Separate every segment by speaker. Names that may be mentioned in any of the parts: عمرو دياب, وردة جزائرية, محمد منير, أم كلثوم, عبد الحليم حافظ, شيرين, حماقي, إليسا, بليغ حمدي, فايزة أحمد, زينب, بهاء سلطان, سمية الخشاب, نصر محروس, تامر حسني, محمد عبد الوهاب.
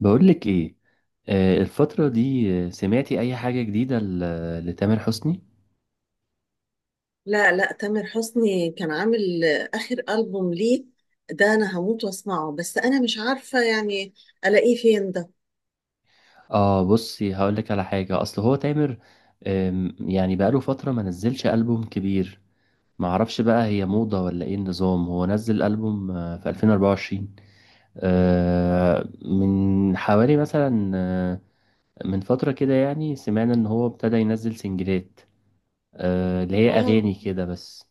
Speaker 1: بقولك ايه. الفترة دي، سمعتي اي حاجة جديدة لتامر حسني؟
Speaker 2: لا، لا، تامر حسني كان عامل آخر ألبوم ليه. ده أنا هموت وأسمعه بس أنا مش عارفة يعني ألاقيه فين ده.
Speaker 1: اه بصي هقولك على حاجة اصل هو تامر يعني بقاله فترة ما نزلش ألبوم كبير. معرفش بقى هي موضة ولا ايه النظام، هو نزل ألبوم في 2024. آه من حوالي مثلا، من فترة كده، يعني سمعنا ان هو ابتدى ينزل سنجلات، آه اللي هي
Speaker 2: واو.
Speaker 1: اغاني كده بس.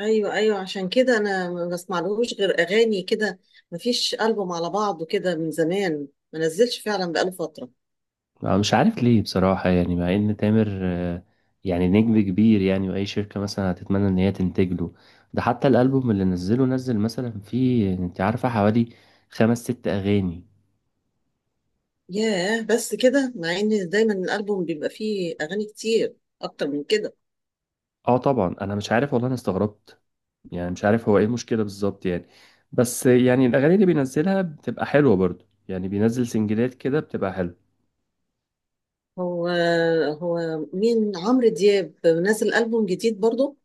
Speaker 2: أيوه، أيوه، عشان كده أنا ما بسمعلهوش غير أغاني كده. مفيش ألبوم على بعضه كده من زمان ما نزلش فعلا، بقاله فترة.
Speaker 1: أنا مش عارف ليه بصراحة، يعني مع إن تامر يعني نجم كبير يعني، وأي شركة مثلا هتتمنى إن هي تنتج له. ده حتى الألبوم اللي نزله، نزل مثلا فيه، أنت عارفة، حوالي خمس ست أغاني.
Speaker 2: ياه، بس كده مع إن دايما الألبوم بيبقى فيه أغاني كتير أكتر من كده.
Speaker 1: أه طبعا أنا مش عارف والله، أنا استغربت. يعني مش عارف هو إيه المشكلة بالظبط يعني. بس يعني الأغاني اللي بينزلها بتبقى حلوة برضو، يعني بينزل سنجلات كده بتبقى حلوة.
Speaker 2: هو هو مين؟ عمرو دياب نازل ألبوم جديد برضه؟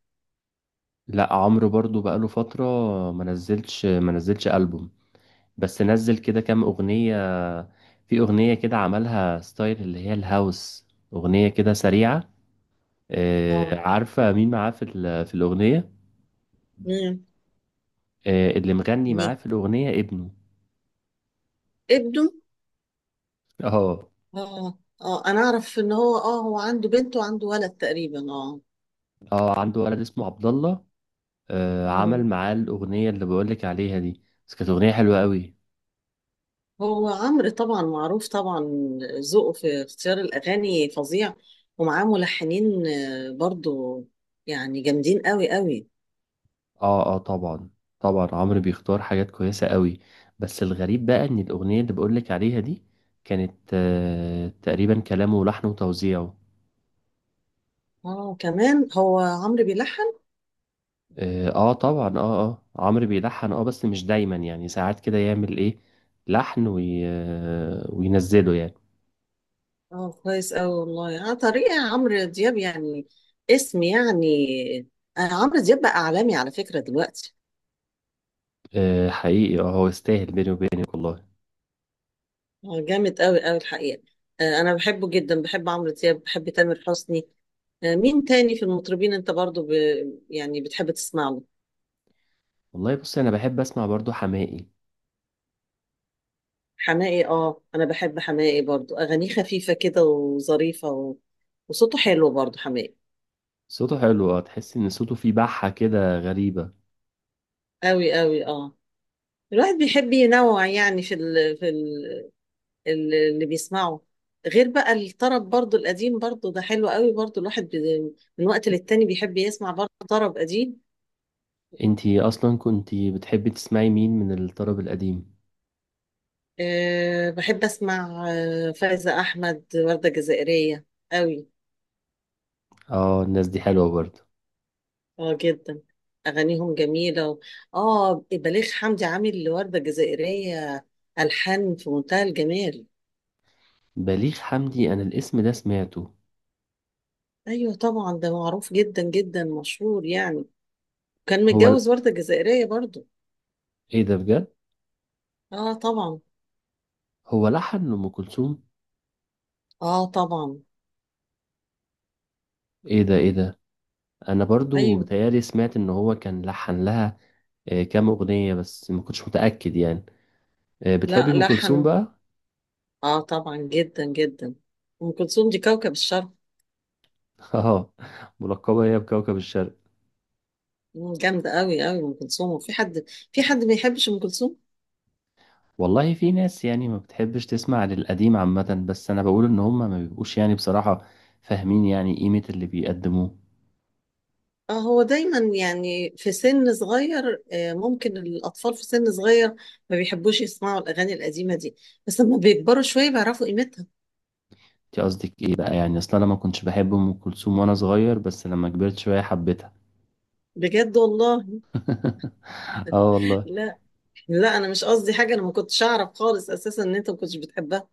Speaker 1: لا عمرو برضو بقاله فترة ما نزلش ألبوم. بس نزل كده كام أغنية. في أغنية كده عملها ستايل اللي هي الهاوس، أغنية كده سريعة. آه،
Speaker 2: اه.
Speaker 1: عارفة مين معاه في في الأغنية؟
Speaker 2: مين
Speaker 1: آه، اللي مغني معاه
Speaker 2: مين
Speaker 1: في الأغنية ابنه.
Speaker 2: ابنه؟
Speaker 1: اه
Speaker 2: اه، اه، انا اعرف ان هو عنده بنت وعنده ولد تقريبا، اه.
Speaker 1: اه عنده ولد اسمه عبد الله. آه،
Speaker 2: مم.
Speaker 1: عمل معاه الأغنية اللي بقولك عليها دي. بس كانت أغنية حلوة قوي.
Speaker 2: هو عمرو طبعا معروف، طبعا ذوقه في اختيار الاغاني فظيع. ومعاه ملحنين برضو يعني جامدين قوي قوي.
Speaker 1: اه اه طبعا. طبعا عمرو بيختار حاجات كويسة قوي. بس الغريب بقى إن الأغنية اللي بقولك عليها دي، كانت آه، تقريبا كلامه ولحنه وتوزيعه.
Speaker 2: اه، كمان هو عمرو بيلحن.
Speaker 1: اه آه طبعا اه اه عمرو بيلحن اه، بس مش دايما يعني، ساعات كده يعمل ايه لحن آه، وينزله يعني.
Speaker 2: اه، كويس قوي والله على طريقة عمرو دياب يعني. اسم يعني، عمرو دياب بقى اعلامي على فكرة دلوقتي.
Speaker 1: آه حقيقي، اه هو يستاهل بيني وبينك والله.
Speaker 2: هو جامد قوي قوي الحقيقة. أنا بحبه جدا، بحب عمرو دياب، بحب تامر حسني. مين تاني في المطربين أنت برضو يعني بتحب تسمع له؟
Speaker 1: والله بصي انا بحب اسمع برضو حماقي.
Speaker 2: حماقي، أنا بحب حماقي برضو، أغانيه خفيفة كده وظريفة وصوته حلو برضو حماقي.
Speaker 1: صوته حلو، اه تحس ان صوته فيه بحة كده غريبة.
Speaker 2: قوي قوي. الواحد بيحب ينوع يعني اللي بيسمعه. غير بقى الطرب برضو القديم برضو، ده حلو قوي برضو، الواحد من وقت للتاني بيحب يسمع برضو طرب قديم.
Speaker 1: انتي اصلا كنتي بتحبي تسمعي مين من الطرب القديم؟
Speaker 2: أه، بحب أسمع فايزة أحمد، وردة جزائرية قوي.
Speaker 1: اه الناس دي حلوة برضو.
Speaker 2: اه، جدا. أغانيهم جميلة اه، بليغ حمدي عامل لوردة جزائرية ألحان في منتهى الجمال.
Speaker 1: بليغ حمدي انا الاسم ده سمعته.
Speaker 2: أيوة طبعا، ده معروف جدا جدا، مشهور يعني، كان
Speaker 1: هو ل...
Speaker 2: متجوز وردة جزائرية برضو.
Speaker 1: ايه ده بجد؟
Speaker 2: اه طبعا.
Speaker 1: هو لحن لأم كلثوم؟
Speaker 2: اه طبعا.
Speaker 1: ايه ده ايه ده. انا برضو
Speaker 2: أيوة.
Speaker 1: بتهيالي سمعت ان هو كان لحن لها آه، كام اغنيه، بس ما كنتش متاكد يعني. آه، بتحبي
Speaker 2: لا،
Speaker 1: ام كلثوم
Speaker 2: لحن.
Speaker 1: بقى؟
Speaker 2: اه طبعا، جدا جدا. أم كلثوم دي كوكب الشرق.
Speaker 1: اه ملقبه هي بكوكب الشرق.
Speaker 2: جامدة قوي قوي أم كلثوم، وفي حد في حد ما يحبش أم كلثوم؟
Speaker 1: والله في ناس يعني ما بتحبش تسمع للقديم عامه، بس انا بقول ان هم ما بيبقوش يعني بصراحه فاهمين يعني قيمه اللي بيقدموه.
Speaker 2: هو دايما يعني في سن صغير، ممكن الأطفال في سن صغير ما بيحبوش يسمعوا الأغاني القديمة دي. بس لما بيكبروا شوية بيعرفوا قيمتها.
Speaker 1: انت قصدك ايه بقى؟ يعني اصلا انا ما كنتش بحب ام كلثوم وانا صغير، بس لما كبرت شويه حبيتها.
Speaker 2: بجد والله؟
Speaker 1: اه والله.
Speaker 2: لا، لا، أنا مش قصدي حاجة، أنا ما كنتش أعرف خالص أساسا إن أنت ما كنتش بتحبها.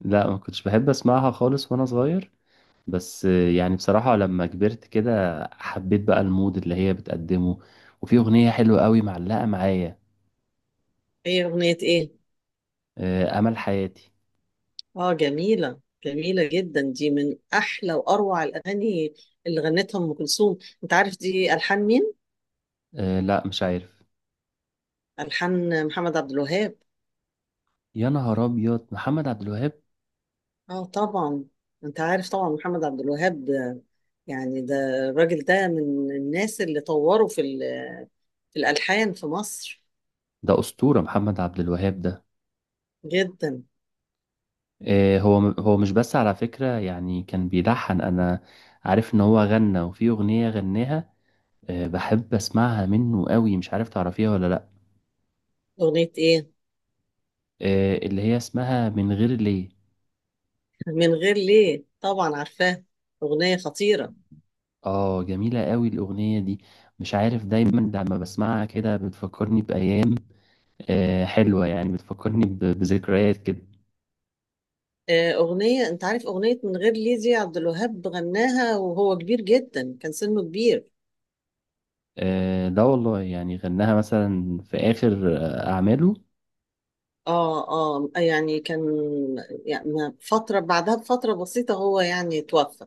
Speaker 1: لا ما كنتش بحب اسمعها خالص وانا صغير. بس يعني بصراحة لما كبرت كده حبيت بقى المود اللي هي بتقدمه. وفي أغنية حلوة قوي معلقة معايا،
Speaker 2: هي أغنية إيه؟
Speaker 1: آه، أمل حياتي.
Speaker 2: جميلة، جميلة جدا، دي من أحلى وأروع الأغاني اللي غنتها أم كلثوم. أنت عارف دي ألحان مين؟
Speaker 1: آه، لا مش عارف.
Speaker 2: ألحان محمد عبد الوهاب.
Speaker 1: يا نهار أبيض، محمد عبد الوهاب؟
Speaker 2: اه طبعا. انت عارف طبعا محمد عبد الوهاب، يعني ده الراجل ده من الناس اللي طوروا في الالحان في مصر.
Speaker 1: ده أسطورة محمد عبد الوهاب ده.
Speaker 2: جدا.
Speaker 1: آه، هو هو مش بس على فكرة يعني كان بيلحن، أنا عارف إن هو غنى، وفي أغنية غناها آه، بحب أسمعها منه قوي، مش عارف تعرفيها ولا لأ.
Speaker 2: اغنيه ايه؟
Speaker 1: آه، اللي هي اسمها من غير ليه.
Speaker 2: من غير ليه، طبعا عارفاها. اغنيه خطيره.
Speaker 1: اه جميلة قوي الأغنية دي. مش عارف، دايما لما بسمعها كده بتفكرني بأيام آه، حلوة يعني، بتفكرني بذكريات كده.
Speaker 2: اغنيه، انت عارف اغنيه من غير ليه دي عبد الوهاب غناها وهو كبير جدا، كان سنه كبير.
Speaker 1: آه، ده والله يعني غناها مثلا في آخر آه، أعماله.
Speaker 2: اه، اه، يعني كان، يعني فتره بعدها بفتره بسيطه هو يعني توفى.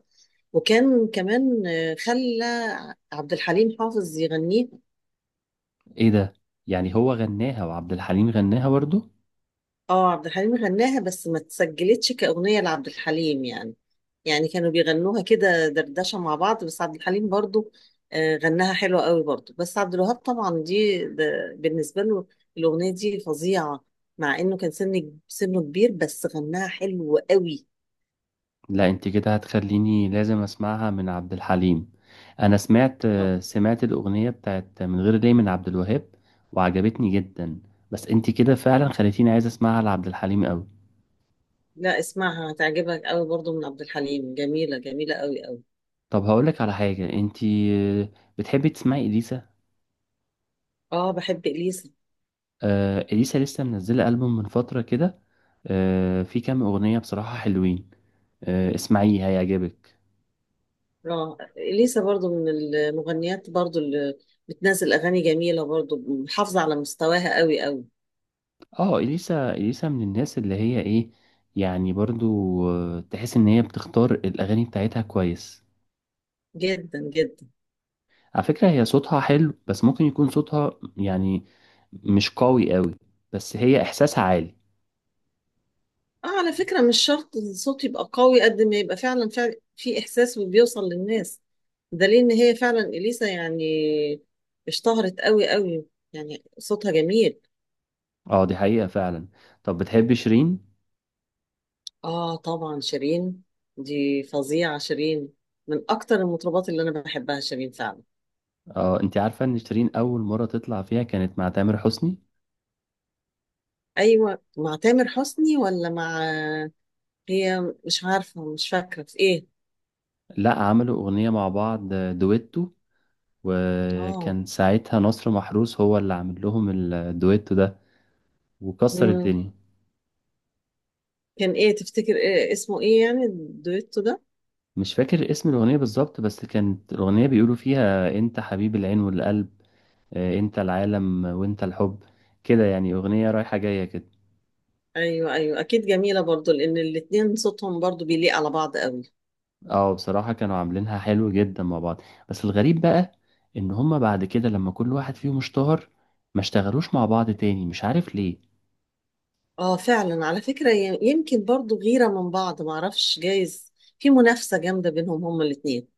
Speaker 2: وكان كمان خلى عبد الحليم حافظ يغنيها.
Speaker 1: إيه ده. يعني هو غناها وعبد الحليم غناها برضو؟
Speaker 2: اه، عبد الحليم غناها بس ما اتسجلتش كأغنية لعبد الحليم يعني. يعني كانوا بيغنوها كده دردشة مع بعض، بس عبد الحليم برضو غناها حلوة قوي برضو. بس عبد الوهاب طبعا دي، ده بالنسبة له الأغنية دي فظيعة. مع إنه كان سنه كبير بس غناها حلو قوي.
Speaker 1: لا انت كده هتخليني لازم أسمعها من عبد الحليم. أنا سمعت
Speaker 2: اه.
Speaker 1: آه، سمعت الأغنية بتاعت من غير ليه من عبد الوهاب وعجبتني جدا. بس انت كده فعلا خليتيني عايز أسمعها لعبد الحليم قوي.
Speaker 2: لا، اسمعها هتعجبك قوي برضو من عبد الحليم، جميلة جميلة قوي قوي.
Speaker 1: طب هقولك على حاجة، انتي بتحبي تسمعي إليسا؟
Speaker 2: اه، بحب إليسا.
Speaker 1: آه إليسا لسه منزلة ألبوم من فترة كده، آه في كام أغنية بصراحة حلوين، آه اسمعيه هيعجبك.
Speaker 2: اه، اليسا برضو من المغنيات برضو اللي بتنزل اغاني جميله، برضو محافظه على مستواها قوي قوي.
Speaker 1: اه إليسا، إليسا من الناس اللي هي ايه، يعني برضو آه تحس ان هي بتختار الأغاني بتاعتها كويس.
Speaker 2: جدا جدا.
Speaker 1: على فكرة هي صوتها حلو، بس ممكن يكون صوتها يعني مش قوي قوي، بس هي إحساسها عالي.
Speaker 2: اه، على فكره مش شرط الصوت يبقى قوي قد ما يبقى فعلا، فعلا في احساس وبيوصل للناس. دليل ان هي فعلا اليسا يعني اشتهرت قوي قوي، يعني صوتها جميل.
Speaker 1: اه دي حقيقة فعلا. طب بتحبي شيرين؟
Speaker 2: اه طبعا، شيرين دي فظيعه، شيرين من اكتر المطربات اللي انا بحبها شيرين فعلا.
Speaker 1: اه انت عارفة ان شيرين اول مرة تطلع فيها كانت مع تامر حسني؟
Speaker 2: ايوه، مع تامر حسني ولا مع، هي مش عارفة، مش فاكرة في ايه؟
Speaker 1: لا عملوا اغنية مع بعض آه، دويتو،
Speaker 2: اه.
Speaker 1: وكان ساعتها نصر محروس هو اللي عامل لهم الدويتو ده، وكسر
Speaker 2: مم.
Speaker 1: الدنيا.
Speaker 2: كان ايه، تفتكر إيه اسمه، ايه يعني الدويتو ده؟
Speaker 1: مش فاكر اسم الاغنية بالظبط، بس كانت الاغنية بيقولوا فيها انت حبيب العين والقلب، آه، انت العالم وانت الحب، كده يعني اغنية رايحة جاية كده.
Speaker 2: ايوه، ايوه، اكيد جميلة برضو لان الاتنين صوتهم برضو بيليق على بعض قوي.
Speaker 1: اه بصراحة كانوا عاملينها حلو جدا مع بعض. بس الغريب بقى ان هما بعد كده لما كل واحد فيهم اشتهر ما اشتغلوش مع بعض تاني، مش عارف ليه.
Speaker 2: اه فعلا، على فكرة يمكن برضو غيرة من بعض، معرفش، جايز في منافسة جامدة بينهم هما الاتنين.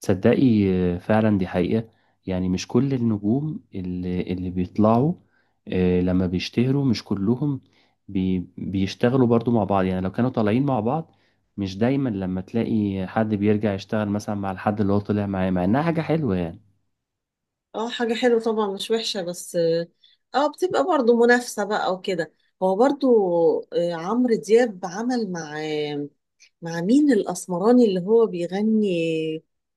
Speaker 1: تصدقي، آه، فعلا دي حقيقة. يعني مش كل النجوم اللي بيطلعوا آه، لما بيشتهروا مش كلهم بيشتغلوا برضو مع بعض، يعني لو كانوا طالعين مع بعض. مش دايما لما تلاقي حد بيرجع يشتغل مثلا مع الحد اللي هو طلع معاه، مع انها حاجة حلوة يعني.
Speaker 2: اه، حاجة حلوة طبعا مش وحشة، بس اه بتبقى برضو منافسة بقى وكده. هو برضو عمرو دياب عمل مع مع مين الأسمراني اللي هو بيغني؟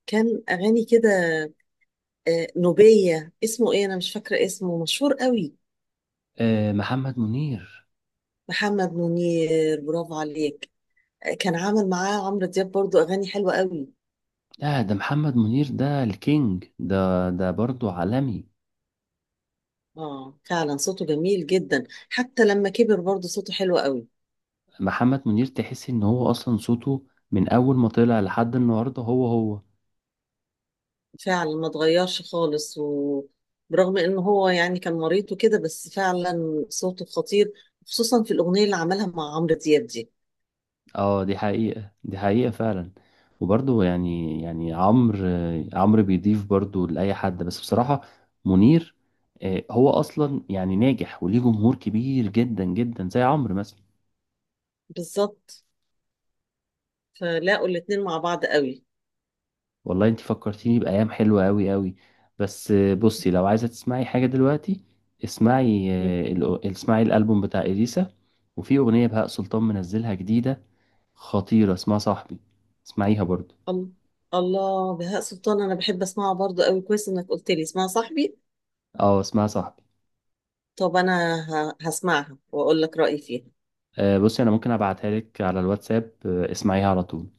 Speaker 2: كان أغاني كده، نوبية، اسمه إيه؟ أنا مش فاكرة اسمه، مشهور قوي.
Speaker 1: آه، محمد منير.
Speaker 2: محمد منير، برافو عليك. كان عامل معاه عمرو دياب برضو أغاني حلوة قوي.
Speaker 1: لا ده محمد منير، ده الكينج ده، ده برضه عالمي.
Speaker 2: فعلا صوته جميل جدا. حتى لما كبر برضو صوته حلو قوي.
Speaker 1: محمد منير تحس ان هو اصلا صوته من اول ما طلع لحد النهارده هو هو.
Speaker 2: فعلا ما اتغيرش خالص، وبرغم إن هو يعني كان مريض وكده بس فعلا صوته خطير. خصوصا في الأغنية اللي عملها مع عمرو دياب دي.
Speaker 1: اه دي حقيقة، دي حقيقة فعلا. وبرضه يعني، يعني عمرو بيضيف برضه لأي حد، بس بصراحة منير آه، هو اصلا يعني ناجح وليه جمهور كبير جدا جدا زي عمرو مثلا.
Speaker 2: بالظبط، فلاقوا الاتنين مع بعض قوي.
Speaker 1: والله انت فكرتيني بأيام حلوة أوي أوي. بس آه، بصي لو عايزة تسمعي حاجة دلوقتي، اسمعي
Speaker 2: مم.
Speaker 1: آه، اسمعي الألبوم بتاع إليسا. وفي أغنية بهاء سلطان منزلها جديدة خطيرة اسمها صاحبي، اسمعيها برضو.
Speaker 2: الله، الله، بهاء سلطان انا بحب اسمعها برضو قوي، كويس انك قلت لي اسمها صاحبي.
Speaker 1: اه اسمها صاحبي.
Speaker 2: طب انا هسمعها واقول لك رايي فيها.
Speaker 1: آه، بصي أنا ممكن أبعتها لك على الواتساب، آه، اسمعيها على طول.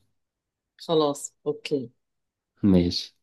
Speaker 2: خلاص، اوكي.
Speaker 1: ماشي.